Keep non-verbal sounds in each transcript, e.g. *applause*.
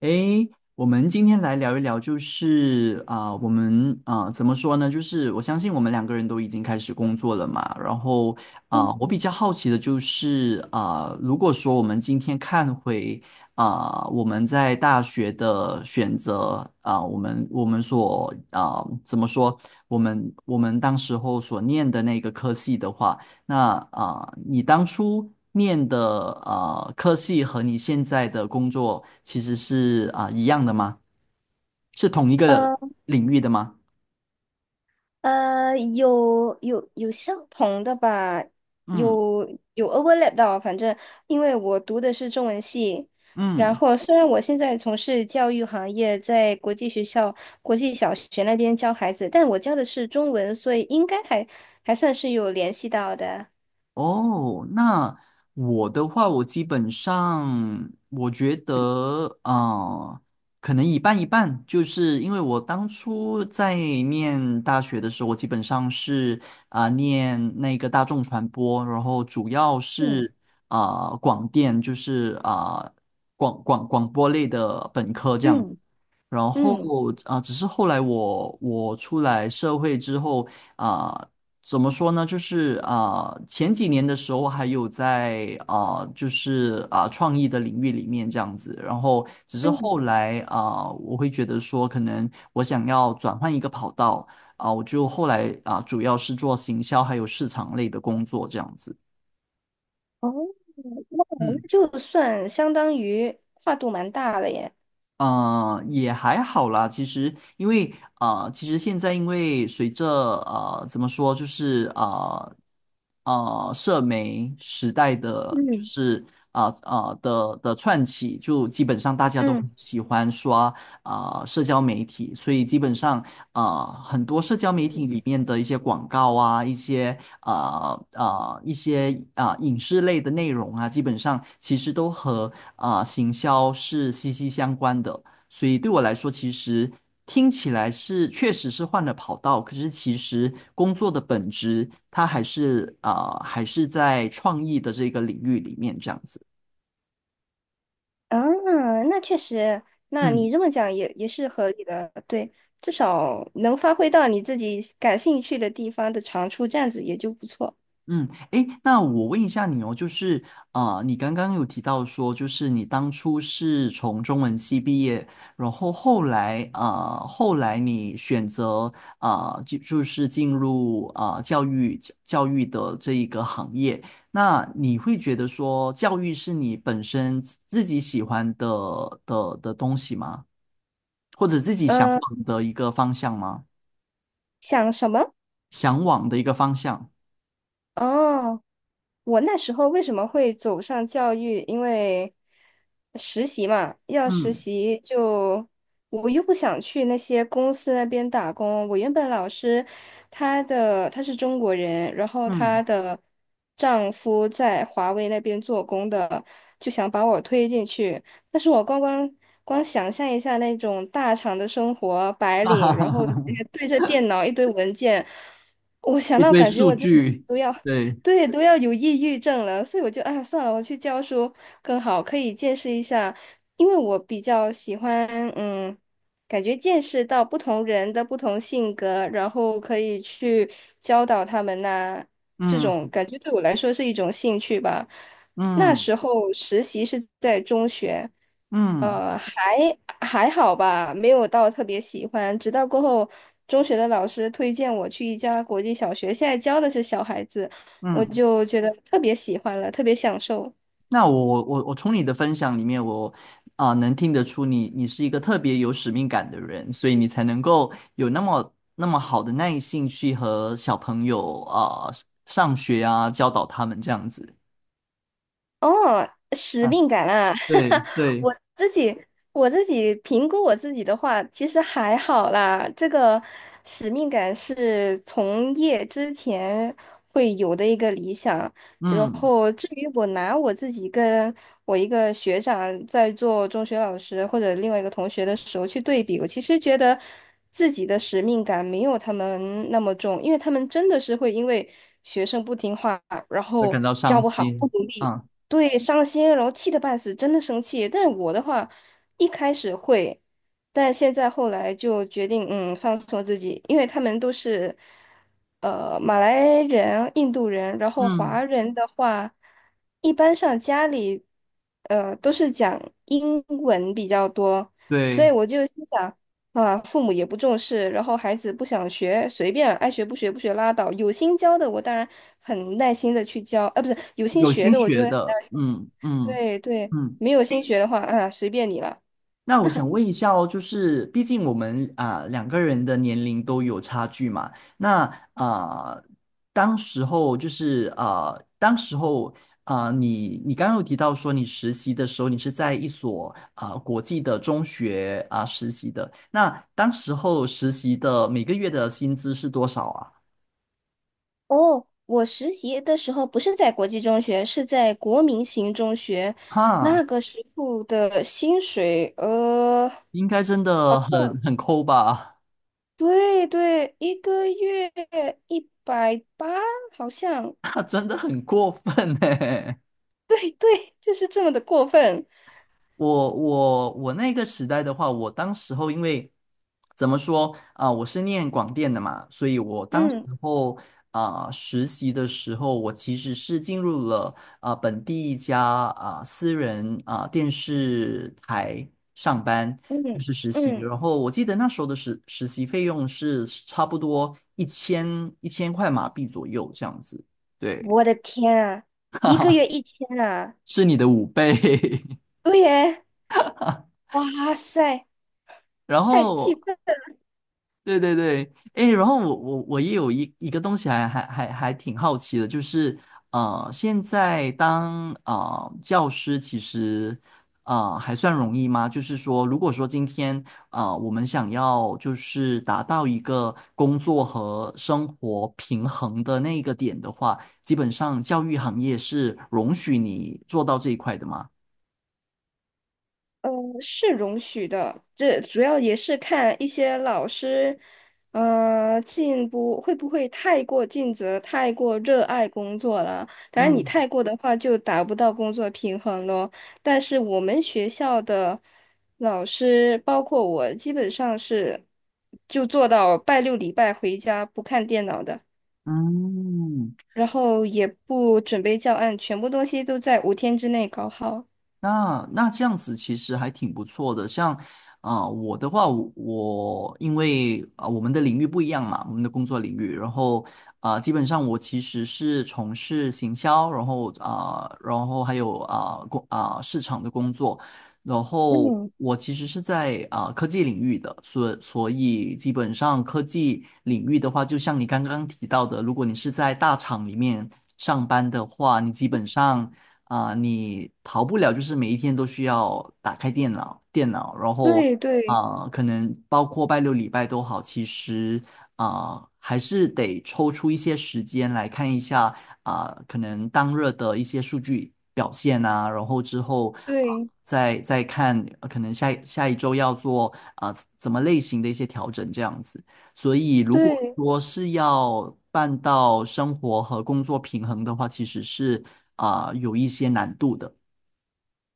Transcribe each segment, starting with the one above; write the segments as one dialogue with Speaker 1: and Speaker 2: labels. Speaker 1: 诶，我们今天来聊一聊，就是我们怎么说呢？就是我相信我们两个人都已经开始工作了嘛。然后我比
Speaker 2: 嗯
Speaker 1: 较好奇的就是如果说我们今天看回我们在大学的选择我们怎么说？我们当时候所念的那个科系的话。那你当初念的科系和你现在的工作其实是一样的吗？是同一个
Speaker 2: 呃
Speaker 1: 领域的吗？
Speaker 2: 有相同的吧，
Speaker 1: 嗯
Speaker 2: 有有 overlap 到，反正因为我读的是中文系，然
Speaker 1: 嗯。
Speaker 2: 后虽然我现在从事教育行业，在国际学校、国际小学那边教孩子，但我教的是中文，所以应该还算是有联系到的。
Speaker 1: 哦，那我的话，我基本上我觉得，可能一半一半，就是因为我当初在念大学的时候，我基本上是念那个大众传播，然后主要
Speaker 2: 嗯
Speaker 1: 是广电，就是广播类的本科这样子。
Speaker 2: 嗯
Speaker 1: 然后
Speaker 2: 嗯
Speaker 1: 只是后来我出来社会之后啊、怎么说呢？就是前几年的时候还有在就是创意的领域里面这样子。然后只是
Speaker 2: 嗯，
Speaker 1: 后来我会觉得说，可能我想要转换一个跑道我就后来主要是做行销还有市场类的工作这样子。
Speaker 2: 哦，那
Speaker 1: 嗯。
Speaker 2: 那就算相当于跨度蛮大了耶。
Speaker 1: 嗯，也还好啦。其实，因为其实现在因为随着怎么说，就是呃，社媒时代的，就
Speaker 2: 嗯
Speaker 1: 是的串起，就基本上大家都很
Speaker 2: 嗯
Speaker 1: 喜欢刷社交媒体，所以基本上很多社交媒体
Speaker 2: 嗯。
Speaker 1: 里面的一些广告啊，一些影视类的内容啊，基本上其实都和行销是息息相关的。所以对我来说，其实听起来是确实是换了跑道，可是其实工作的本质，它还是在创意的这个领域里面这样子。
Speaker 2: 嗯，那确实，那
Speaker 1: 嗯。
Speaker 2: 你这么讲也是合理的，对，至少能发挥到你自己感兴趣的地方的长处，这样子也就不错。
Speaker 1: 嗯，诶，那我问一下你哦，就是你刚刚有提到说，就是你当初是从中文系毕业，然后后来啊、呃后来你选择就是进入教育的这一个行业，那你会觉得说，教育是你本身自己喜欢的东西吗？或者自己向
Speaker 2: 嗯、
Speaker 1: 往的一个方向吗？
Speaker 2: 想什么？
Speaker 1: 向往的一个方向。
Speaker 2: 哦。我那时候为什么会走上教育？因为实习嘛，要实
Speaker 1: 嗯
Speaker 2: 习就我又不想去那些公司那边打工。我原本老师他是中国人，然后
Speaker 1: 嗯，
Speaker 2: 她的丈夫在华为那边做工的，就想把我推进去。但是我光想象一下那种大厂的生活，
Speaker 1: *laughs*
Speaker 2: 白
Speaker 1: 哈
Speaker 2: 领，
Speaker 1: 哈
Speaker 2: 然
Speaker 1: 哈
Speaker 2: 后
Speaker 1: 哈。
Speaker 2: 对着电脑一堆文件，我想
Speaker 1: 一
Speaker 2: 到
Speaker 1: 堆
Speaker 2: 感觉
Speaker 1: 数
Speaker 2: 我自己。
Speaker 1: 据，
Speaker 2: 都要
Speaker 1: 对，
Speaker 2: 对，都要有抑郁症了，所以我就哎呀算了，我去教书更好，可以见识一下，因为我比较喜欢，嗯，感觉见识到不同人的不同性格，然后可以去教导他们呐、这种
Speaker 1: 嗯
Speaker 2: 感觉对我来说是一种兴趣吧。那
Speaker 1: 嗯
Speaker 2: 时候实习是在中学，
Speaker 1: 嗯
Speaker 2: 还好吧，没有到特别喜欢，直到过后中学的老师推荐我去一家国际小学，现在教的是小孩子。我
Speaker 1: 嗯，
Speaker 2: 就觉得特别喜欢了，特别享受。
Speaker 1: 那我从你的分享里面，我能听得出你是一个特别有使命感的人，所以你才能够有那么那么好的耐性去和小朋友啊、上学啊，教导他们这样子。
Speaker 2: 哦，使
Speaker 1: 啊，
Speaker 2: 命感啊，
Speaker 1: 对
Speaker 2: *laughs*
Speaker 1: 对，
Speaker 2: 我自己我自己评估我自己的话，其实还好啦。这个使命感是从业之前会有的一个理想。然
Speaker 1: 嗯，
Speaker 2: 后至于我拿我自己跟我一个学长在做中学老师或者另外一个同学的时候去对比，我其实觉得自己的使命感没有他们那么重，因为他们真的是会因为学生不听话，然
Speaker 1: 而
Speaker 2: 后
Speaker 1: 感到
Speaker 2: 教不
Speaker 1: 伤
Speaker 2: 好不
Speaker 1: 心。
Speaker 2: 努力。
Speaker 1: 啊，
Speaker 2: 对，伤心，然后气得半死，真的生气。但是我的话，一开始会，但现在后来就决定，放松自己，因为他们都是，马来人、印度人，然后
Speaker 1: 嗯，
Speaker 2: 华人的话，一般上家里，都是讲英文比较多，所以
Speaker 1: 对，
Speaker 2: 我就心想，啊，父母也不重视，然后孩子不想学，随便爱学不学不学拉倒。有心教的，我当然很耐心的去教，啊，不是有心
Speaker 1: 有
Speaker 2: 学
Speaker 1: 心
Speaker 2: 的，我就
Speaker 1: 学
Speaker 2: 会
Speaker 1: 的，嗯嗯
Speaker 2: 对对，
Speaker 1: 嗯。
Speaker 2: 没有新学的话，啊，随便你了。
Speaker 1: 那我想问一下哦，就是毕竟我们两个人的年龄都有差距嘛，那啊、当时候就是当时候啊、你刚刚有提到说你实习的时候，你是在一所国际的中学实习的，那当时候实习的每个月的薪资是多少啊？
Speaker 2: 哦，我实习的时候不是在国际中学，是在国民型中学，那
Speaker 1: 哈，
Speaker 2: 个时候的薪水，
Speaker 1: 应该真
Speaker 2: 好
Speaker 1: 的很
Speaker 2: 像
Speaker 1: 很抠吧？
Speaker 2: 对对，一个月180，好像，
Speaker 1: *laughs* 啊，真的很过分呢。
Speaker 2: 对对，就是这么的过分。
Speaker 1: 我那个时代的话，我当时候因为怎么说我是念广电的嘛，所以我当时
Speaker 2: 嗯
Speaker 1: 候实习的时候，我其实是进入了本地一家私人电视台上班，就
Speaker 2: 嗯
Speaker 1: 是实习。
Speaker 2: 嗯，
Speaker 1: 然后我记得那时候的实习费用是差不多一千块马币左右这样子，对，
Speaker 2: 我的天啊，一个月1000啊，
Speaker 1: 是你的五倍。*laughs*
Speaker 2: 对耶，哇塞，
Speaker 1: 然
Speaker 2: 太气
Speaker 1: 后
Speaker 2: 愤。
Speaker 1: 对对对，哎，然后我也有一个东西还挺好奇的，就是啊，现在当教师其实还算容易吗？就是说，如果说今天我们想要就是达到一个工作和生活平衡的那个点的话，基本上教育行业是容许你做到这一块的吗？
Speaker 2: 呃，是容许的，这主要也是看一些老师，进步会不会太过尽责、太过热爱工作了。当然，你
Speaker 1: 嗯
Speaker 2: 太过的话就达不到工作平衡咯。但是我们学校的老师，包括我，基本上是就做到拜六礼拜回家不看电脑的，
Speaker 1: 嗯，
Speaker 2: 然后也不准备教案，全部东西都在五天之内搞好。
Speaker 1: 那这样子其实还挺不错的，像我的话，我因为我们的领域不一样嘛，我们的工作领域，然后基本上我其实是从事行销，然后然后还有啊、呃工啊、市场的工作，然后
Speaker 2: 嗯，
Speaker 1: 我其实是在科技领域的，所以基本上科技领域的话，就像你刚刚提到的，如果你是在大厂里面上班的话，你基本上。你逃不了，就是每一天都需要打开电脑，电脑，然后
Speaker 2: 对对
Speaker 1: 可能包括拜六礼拜都好，其实还是得抽出一些时间来看一下可能当日的一些数据表现呐，然后之后啊、
Speaker 2: 对。
Speaker 1: 再看，可能下一周要做怎么类型的一些调整这样子。所以，如果
Speaker 2: 对
Speaker 1: 说是要办到生活和工作平衡的话，其实是有一些难度的。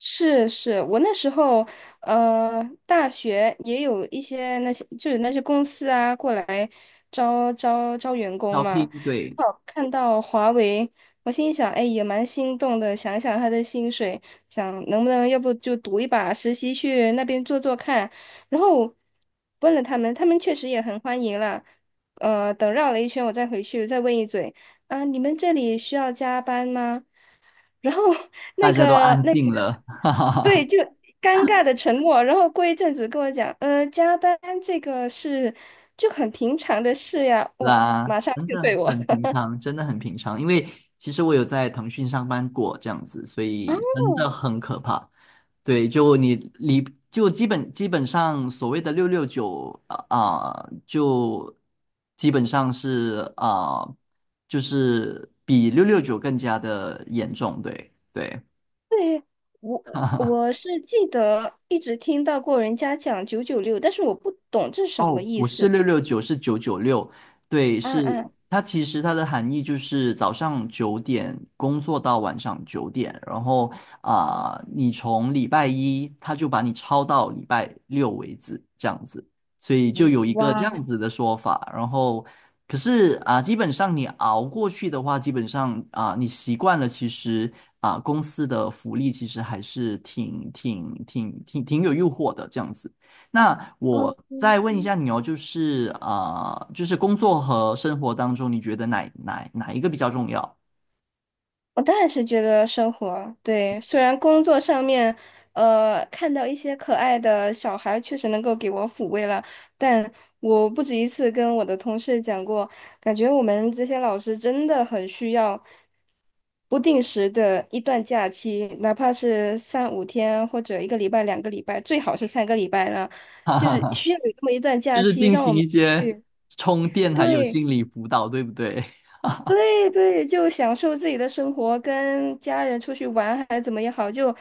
Speaker 2: 是是，我那时候大学也有一些那些就是那些公司啊过来招员工
Speaker 1: 招
Speaker 2: 嘛，
Speaker 1: 聘，对，
Speaker 2: 刚好看到华为，我心想，哎，也蛮心动的，想想他的薪水，想能不能要不就赌一把实习去那边做做看，然后问了他们，他们确实也很欢迎了，等绕了一圈，我再回去再问一嘴，啊，你们这里需要加班吗？然后 *laughs*
Speaker 1: 大
Speaker 2: 那
Speaker 1: 家都
Speaker 2: 个
Speaker 1: 安
Speaker 2: 那个。
Speaker 1: 静了
Speaker 2: 对，就尴尬的沉默，然后过一阵子跟我讲，加班这个是就很平常的事呀，我马
Speaker 1: 啦，
Speaker 2: 上
Speaker 1: 真
Speaker 2: 就对
Speaker 1: 的
Speaker 2: 我。
Speaker 1: 很
Speaker 2: *laughs*
Speaker 1: 平常，真的很平常。因为其实我有在腾讯上班过这样子，所
Speaker 2: 哦，
Speaker 1: 以真的很可怕。对，就你离就基本上所谓的六六九就基本上就是比六六九更加的严重。对对，
Speaker 2: 对，我是记得一直听到过人家讲996，但是我不懂这是什
Speaker 1: 哦，
Speaker 2: 么意
Speaker 1: 不是
Speaker 2: 思。
Speaker 1: 六六九，是996。对，
Speaker 2: 啊
Speaker 1: 是
Speaker 2: 啊，
Speaker 1: 它其实它的含义就是早上九点工作到晚上九点，然后你从礼拜一他就把你超到礼拜六为止，这样子，所以就有一个这
Speaker 2: 哇，
Speaker 1: 样子的说法。然后，可是基本上你熬过去的话，基本上你习惯了，其实公司的福利其实还是挺有诱惑的，这样子。那我再
Speaker 2: 嗯
Speaker 1: 问一下你哦，就是工作和生活当中，你觉得哪一个比较重要？
Speaker 2: 我当然是觉得生活，对，虽然工作上面，看到一些可爱的小孩，确实能够给我抚慰了，但我不止一次跟我的同事讲过，感觉我们这些老师真的很需要不定时的一段假期，哪怕是三五天或者一个礼拜、2个礼拜，最好是3个礼拜了，
Speaker 1: *laughs* 哈
Speaker 2: 就
Speaker 1: 哈
Speaker 2: 是
Speaker 1: 哈，
Speaker 2: 需要有这么一段
Speaker 1: 就
Speaker 2: 假
Speaker 1: 是
Speaker 2: 期，
Speaker 1: 进
Speaker 2: 让我
Speaker 1: 行
Speaker 2: 们
Speaker 1: 一些
Speaker 2: 去
Speaker 1: 充电还有
Speaker 2: 对。
Speaker 1: 心理辅导，对不对？
Speaker 2: 对对，就享受自己的生活，跟家人出去玩还怎么也好，就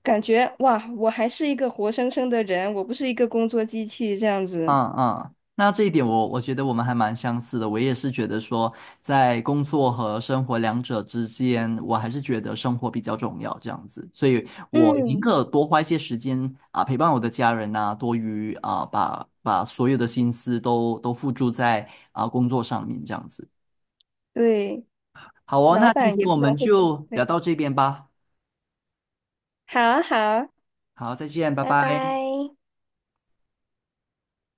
Speaker 2: 感觉哇，我还是一个活生生的人，我不是一个工作机器这样子。
Speaker 1: 嗯嗯，那这一点我觉得我们还蛮相似的。我也是觉得说，在工作和生活两者之间，我还是觉得生活比较重要这样子。所以我宁
Speaker 2: 嗯，
Speaker 1: 可多花一些时间啊，陪伴我的家人呐、多于把所有的心思都付诸在工作上面这样子。
Speaker 2: 对，
Speaker 1: 好哦，
Speaker 2: 老
Speaker 1: 那今
Speaker 2: 板
Speaker 1: 天
Speaker 2: 也
Speaker 1: 我
Speaker 2: 不能
Speaker 1: 们
Speaker 2: 会不
Speaker 1: 就聊
Speaker 2: 会。
Speaker 1: 到这边吧。
Speaker 2: 好啊好啊，
Speaker 1: 好，再见，拜
Speaker 2: 拜
Speaker 1: 拜。
Speaker 2: 拜。